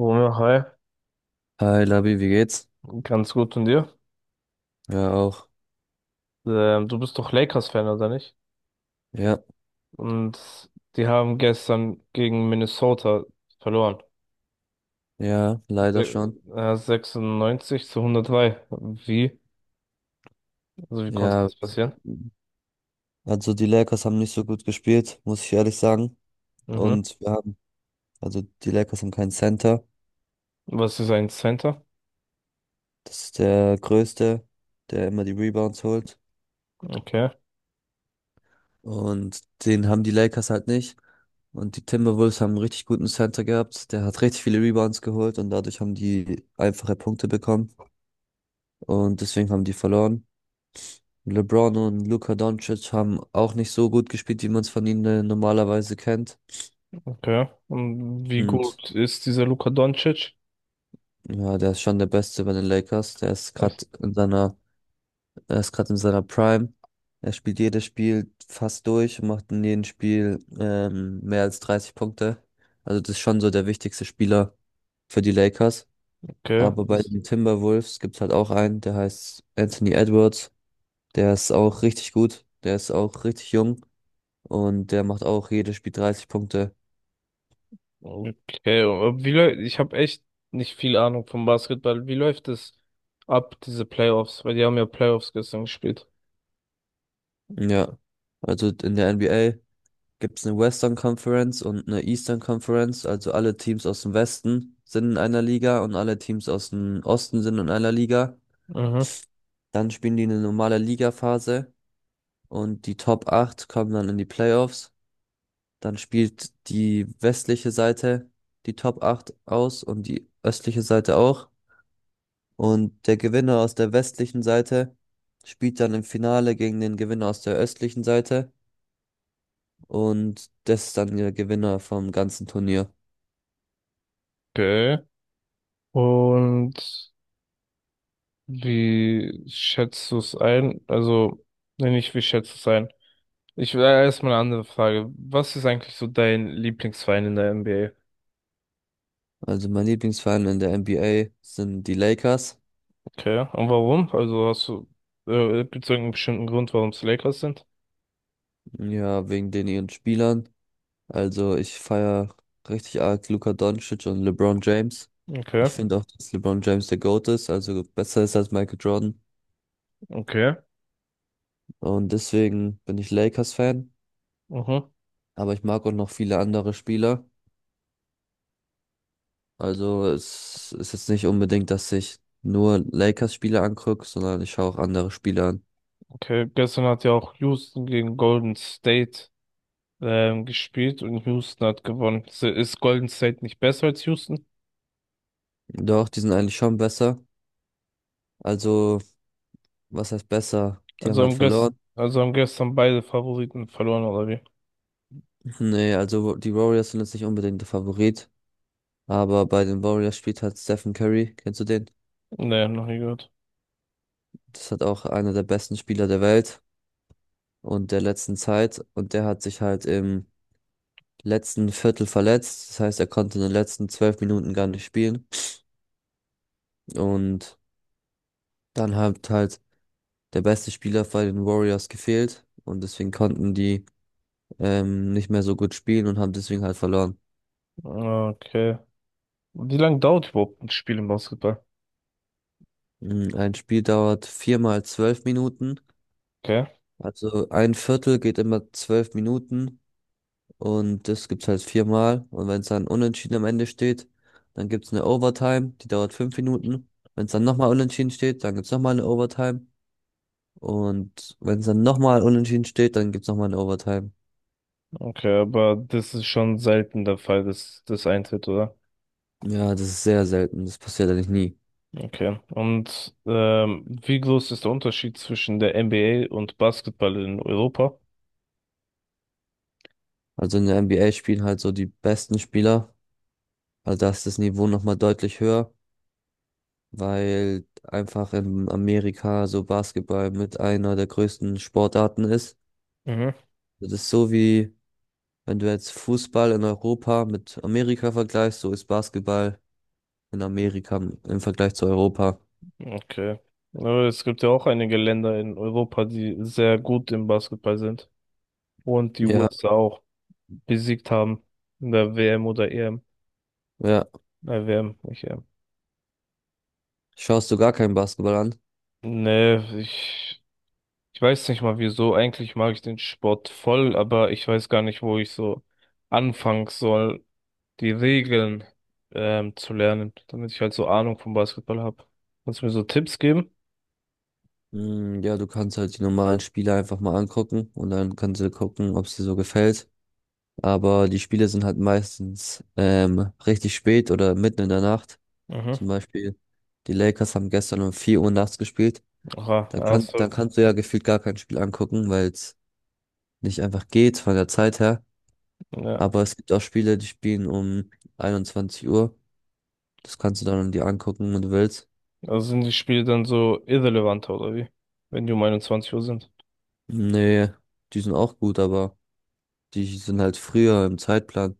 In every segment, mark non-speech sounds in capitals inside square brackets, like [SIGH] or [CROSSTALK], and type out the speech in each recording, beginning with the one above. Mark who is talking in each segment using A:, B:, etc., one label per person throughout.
A: Romeo, hi,
B: Hi Labi, wie geht's?
A: ganz gut und dir?
B: Ja, auch.
A: Du bist doch Lakers-Fan, oder nicht?
B: Ja,
A: Und die haben gestern gegen Minnesota verloren.
B: ja, leider schon.
A: 96 zu 103. Wie? Also wie konnte
B: Ja,
A: das passieren?
B: also die Lakers haben nicht so gut gespielt, muss ich ehrlich sagen.
A: Mhm.
B: Und wir haben, also die Lakers haben keinen Center.
A: Was ist ein Center?
B: Das ist der Größte, der immer die Rebounds holt.
A: Okay,
B: Und den haben die Lakers halt nicht. Und die Timberwolves haben einen richtig guten Center gehabt. Der hat richtig viele Rebounds geholt und dadurch haben die einfache Punkte bekommen. Und deswegen haben die verloren. LeBron und Luka Doncic haben auch nicht so gut gespielt, wie man es von ihnen normalerweise kennt.
A: okay. Und wie
B: Und
A: gut ist dieser Luka Doncic?
B: ja, der ist schon der Beste bei den Lakers. Der ist gerade
A: Echt?
B: in seiner, Er ist gerade in seiner Prime. Er spielt jedes Spiel fast durch und macht in jedem Spiel mehr als 30 Punkte. Also das ist schon so der wichtigste Spieler für die Lakers.
A: Okay.
B: Aber bei den Timberwolves gibt es halt auch einen, der heißt Anthony Edwards. Der ist auch richtig gut. Der ist auch richtig jung. Und der macht auch jedes Spiel 30 Punkte.
A: Okay. Und ich habe echt nicht viel Ahnung vom Basketball. Wie läuft es ab, diese Playoffs? Weil die haben ja Playoffs gestern gespielt.
B: Ja, also in der NBA gibt es eine Western Conference und eine Eastern Conference. Also alle Teams aus dem Westen sind in einer Liga und alle Teams aus dem Osten sind in einer Liga.
A: Mhm.
B: Dann spielen die eine normale Ligaphase und die Top 8 kommen dann in die Playoffs. Dann spielt die westliche Seite die Top 8 aus und die östliche Seite auch. Und der Gewinner aus der westlichen Seite spielt dann im Finale gegen den Gewinner aus der östlichen Seite. Und das ist dann der Gewinner vom ganzen Turnier.
A: Okay. Und wie schätzt du es ein? Also, nee, nicht wie schätzt du es ein? Ich will erstmal eine andere Frage. Was ist eigentlich so dein Lieblingsverein in der NBA?
B: Also mein Lieblingsverein in der NBA sind die Lakers.
A: Okay. Und warum? Also gibt es irgendeinen bestimmten Grund, warum es Lakers sind?
B: Ja, wegen den ihren Spielern. Also ich feiere richtig arg Luka Doncic und LeBron James. Ich
A: Okay.
B: finde auch, dass LeBron James der GOAT ist, also besser ist als Michael Jordan.
A: Okay.
B: Und deswegen bin ich Lakers-Fan.
A: Mhm.
B: Aber ich mag auch noch viele andere Spieler. Also es ist jetzt nicht unbedingt, dass ich nur Lakers-Spieler angucke, sondern ich schaue auch andere Spieler an.
A: Okay. Gestern hat ja auch Houston gegen Golden State gespielt und Houston hat gewonnen. Ist Golden State nicht besser als Houston?
B: Doch, die sind eigentlich schon besser. Also, was heißt besser? Die haben
A: Also
B: halt verloren.
A: haben gestern beide Favoriten verloren, oder wie?
B: [LAUGHS] Nee, also die Warriors sind jetzt nicht unbedingt der Favorit. Aber bei den Warriors spielt halt Stephen Curry. Kennst du den?
A: Nee, noch nie gehört.
B: Das hat auch einer der besten Spieler der Welt und der letzten Zeit. Und der hat sich halt im letzten Viertel verletzt. Das heißt, er konnte in den letzten 12 Minuten gar nicht spielen. Und dann hat halt der beste Spieler bei den Warriors gefehlt. Und deswegen konnten die nicht mehr so gut spielen und haben deswegen halt verloren.
A: Okay. Wie lange dauert überhaupt ein Spiel im Basketball?
B: Mm, ein Spiel dauert 4×12 Minuten.
A: Okay,
B: Also ein Viertel geht immer 12 Minuten und das gibt's halt viermal. Und wenn es dann unentschieden am Ende steht, dann gibt's eine Overtime, die dauert 5 Minuten. Wenn es dann nochmal unentschieden steht, dann gibt's nochmal eine Overtime. Und wenn es dann nochmal unentschieden steht, dann gibt's nochmal eine Overtime.
A: okay, aber das ist schon selten der Fall, dass das eintritt, oder?
B: Ja, das ist sehr selten. Das passiert eigentlich nie.
A: Okay. Und wie groß ist der Unterschied zwischen der NBA und Basketball in Europa?
B: Also in der NBA spielen halt so die besten Spieler. Also da ist das Niveau nochmal deutlich höher, weil einfach in Amerika so Basketball mit einer der größten Sportarten ist.
A: Mhm.
B: Das ist so wie, wenn du jetzt Fußball in Europa mit Amerika vergleichst, so ist Basketball in Amerika im Vergleich zu Europa.
A: Okay. Aber es gibt ja auch einige Länder in Europa, die sehr gut im Basketball sind und die
B: Ja,
A: USA auch besiegt haben in der WM oder EM.
B: ja.
A: WM, nicht EM.
B: Schaust du gar keinen Basketball an?
A: Nee, ich weiß nicht mal wieso. Eigentlich mag ich den Sport voll, aber ich weiß gar nicht, wo ich so anfangen soll, die Regeln zu lernen, damit ich halt so Ahnung vom Basketball habe. Kannst du mir so Tipps geben?
B: Hm, ja, du kannst halt die normalen Spiele einfach mal angucken und dann kannst du gucken, ob es dir so gefällt. Aber die Spiele sind halt meistens richtig spät oder mitten in der Nacht.
A: Mhm.
B: Zum Beispiel, die Lakers haben gestern um 4 Uhr nachts gespielt.
A: Aha,
B: Dann
A: also,
B: kannst du ja gefühlt gar kein Spiel angucken, weil es nicht einfach geht von der Zeit her.
A: ja.
B: Aber es gibt auch Spiele, die spielen um 21 Uhr. Das kannst du dann dir angucken, wenn du willst.
A: Also sind die Spiele dann so irrelevanter oder wie? Wenn die um 21 Uhr sind.
B: Nee, die sind auch gut, aber die sind halt früher im Zeitplan.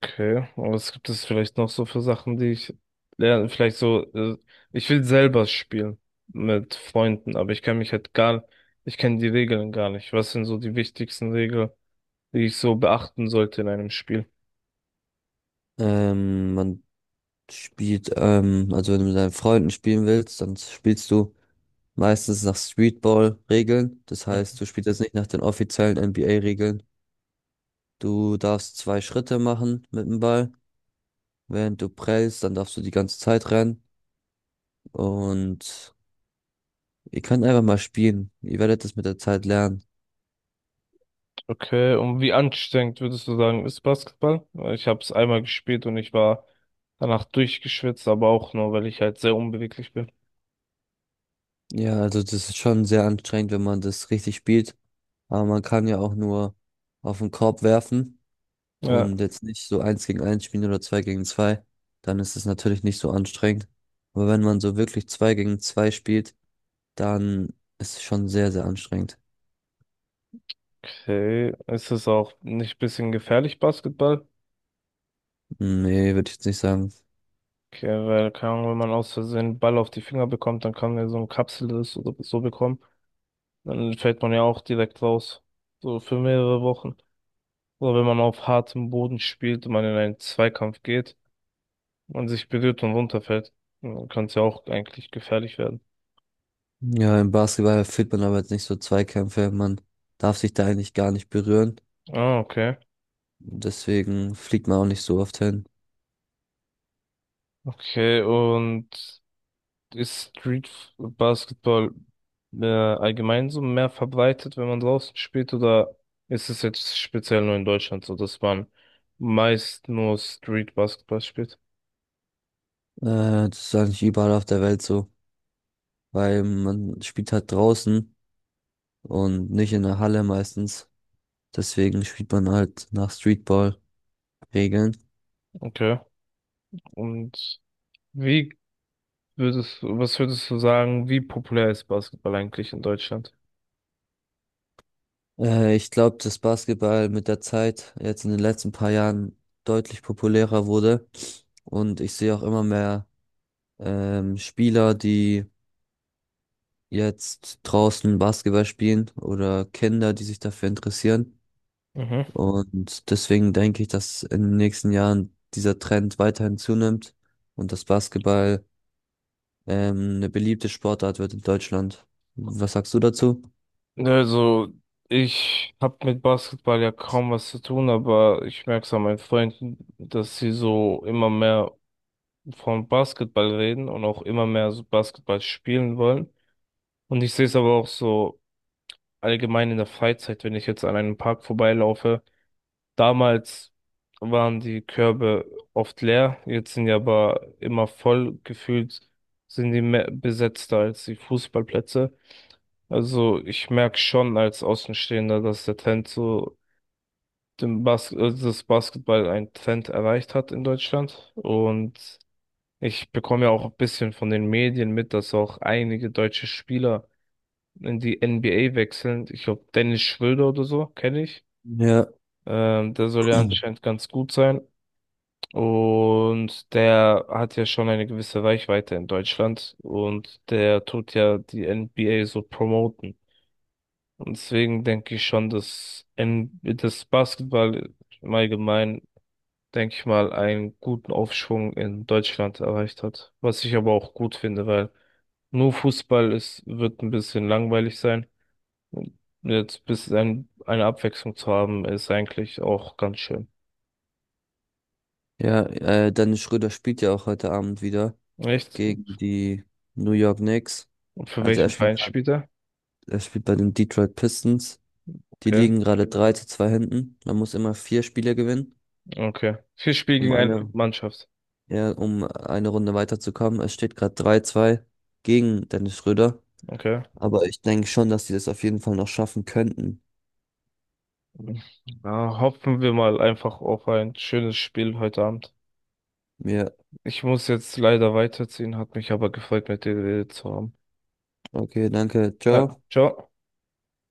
A: Okay, aber was gibt es vielleicht noch so für Sachen, die ich lerne? Vielleicht so, ich will selber spielen mit Freunden, aber ich kann mich halt gar, ich kenne die Regeln gar nicht. Was sind so die wichtigsten Regeln, die ich so beachten sollte in einem Spiel?
B: Man also wenn du mit deinen Freunden spielen willst, dann spielst du meistens nach Streetball-Regeln. Das
A: Hm.
B: heißt, du spielst jetzt nicht nach den offiziellen NBA-Regeln. Du darfst zwei Schritte machen mit dem Ball. Während du prellst, dann darfst du die ganze Zeit rennen. Und ihr könnt einfach mal spielen. Ihr werdet das mit der Zeit lernen.
A: Okay, und wie anstrengend würdest du sagen, ist Basketball? Weil ich habe es einmal gespielt und ich war danach durchgeschwitzt, aber auch nur, weil ich halt sehr unbeweglich bin.
B: Ja, also das ist schon sehr anstrengend, wenn man das richtig spielt. Aber man kann ja auch nur auf den Korb werfen
A: Ja,
B: und jetzt nicht so eins gegen eins spielen oder zwei gegen zwei. Dann ist es natürlich nicht so anstrengend. Aber wenn man so wirklich zwei gegen zwei spielt, dann ist es schon sehr, sehr anstrengend.
A: okay. Ist es auch nicht ein bisschen gefährlich, Basketball?
B: Nee, würde ich jetzt nicht sagen.
A: Okay, weil, keine Ahnung, wenn man aus Versehen einen Ball auf die Finger bekommt, dann kann man ja so eine Kapsel das oder so bekommen. Dann fällt man ja auch direkt raus. So für mehrere Wochen. Oder wenn man auf hartem Boden spielt und man in einen Zweikampf geht und sich berührt und runterfällt, dann kann es ja auch eigentlich gefährlich werden.
B: Ja, im Basketball führt man aber jetzt nicht so Zweikämpfe. Man darf sich da eigentlich gar nicht berühren.
A: Ah, okay.
B: Deswegen fliegt man auch nicht so oft hin.
A: Okay, und ist Street Basketball allgemein so mehr verbreitet, wenn man draußen spielt, oder ist es jetzt speziell nur in Deutschland so, dass man meist nur Street Basketball spielt?
B: Das ist eigentlich überall auf der Welt so, weil man spielt halt draußen und nicht in der Halle meistens. Deswegen spielt man halt nach Streetball-Regeln.
A: Okay. Und wie was würdest du sagen, wie populär ist Basketball eigentlich in Deutschland?
B: Ich glaube, dass Basketball mit der Zeit jetzt in den letzten paar Jahren deutlich populärer wurde. Und ich sehe auch immer mehr Spieler, die jetzt draußen Basketball spielen oder Kinder, die sich dafür interessieren.
A: Mhm.
B: Und deswegen denke ich, dass in den nächsten Jahren dieser Trend weiterhin zunimmt und das Basketball eine beliebte Sportart wird in Deutschland. Was sagst du dazu?
A: Also, ich habe mit Basketball ja kaum was zu tun, aber ich merke es an meinen Freunden, dass sie so immer mehr von Basketball reden und auch immer mehr so Basketball spielen wollen. Und ich sehe es aber auch so allgemein in der Freizeit, wenn ich jetzt an einem Park vorbeilaufe. Damals waren die Körbe oft leer, jetzt sind die aber immer voll gefühlt, sind die mehr besetzter als die Fußballplätze. Also ich merke schon als Außenstehender, dass der Trend so dem Bas das Basketball einen Trend erreicht hat in Deutschland. Und ich bekomme ja auch ein bisschen von den Medien mit, dass auch einige deutsche Spieler in die NBA wechseln. Ich glaube, Dennis Schröder oder so, kenne ich.
B: Ja,
A: Der soll ja anscheinend ganz gut sein. Und der hat ja schon eine gewisse Reichweite in Deutschland. Und der tut ja die NBA so promoten. Und deswegen denke ich schon, dass das Basketball im Allgemeinen, denke ich mal, einen guten Aufschwung in Deutschland erreicht hat. Was ich aber auch gut finde, weil nur Fußball ist, wird ein bisschen langweilig sein. Jetzt bis eine Abwechslung zu haben, ist eigentlich auch ganz schön.
B: ja, Dennis Schröder spielt ja auch heute Abend wieder
A: Echt?
B: gegen die New York Knicks.
A: Und für
B: Also er
A: welchen
B: spielt
A: Verein
B: grad,
A: spielt er?
B: er spielt bei den Detroit Pistons. Die
A: Okay.
B: liegen gerade 3 zu 2 hinten. Man muss immer 4 Spiele gewinnen,
A: Okay. Vier Spiele
B: um
A: gegen eine
B: eine
A: Mannschaft.
B: ja, um eine Runde weiterzukommen. Es steht gerade 3-2 gegen Dennis Schröder.
A: Okay.
B: Aber ich denke schon, dass sie das auf jeden Fall noch schaffen könnten.
A: [LAUGHS] Na, hoffen wir mal einfach auf ein schönes Spiel heute Abend.
B: Ja,
A: Ich muss jetzt leider weiterziehen, hat mich aber gefreut, mit dir geredet zu haben.
B: okay, danke.
A: Ja,
B: Ciao.
A: ciao.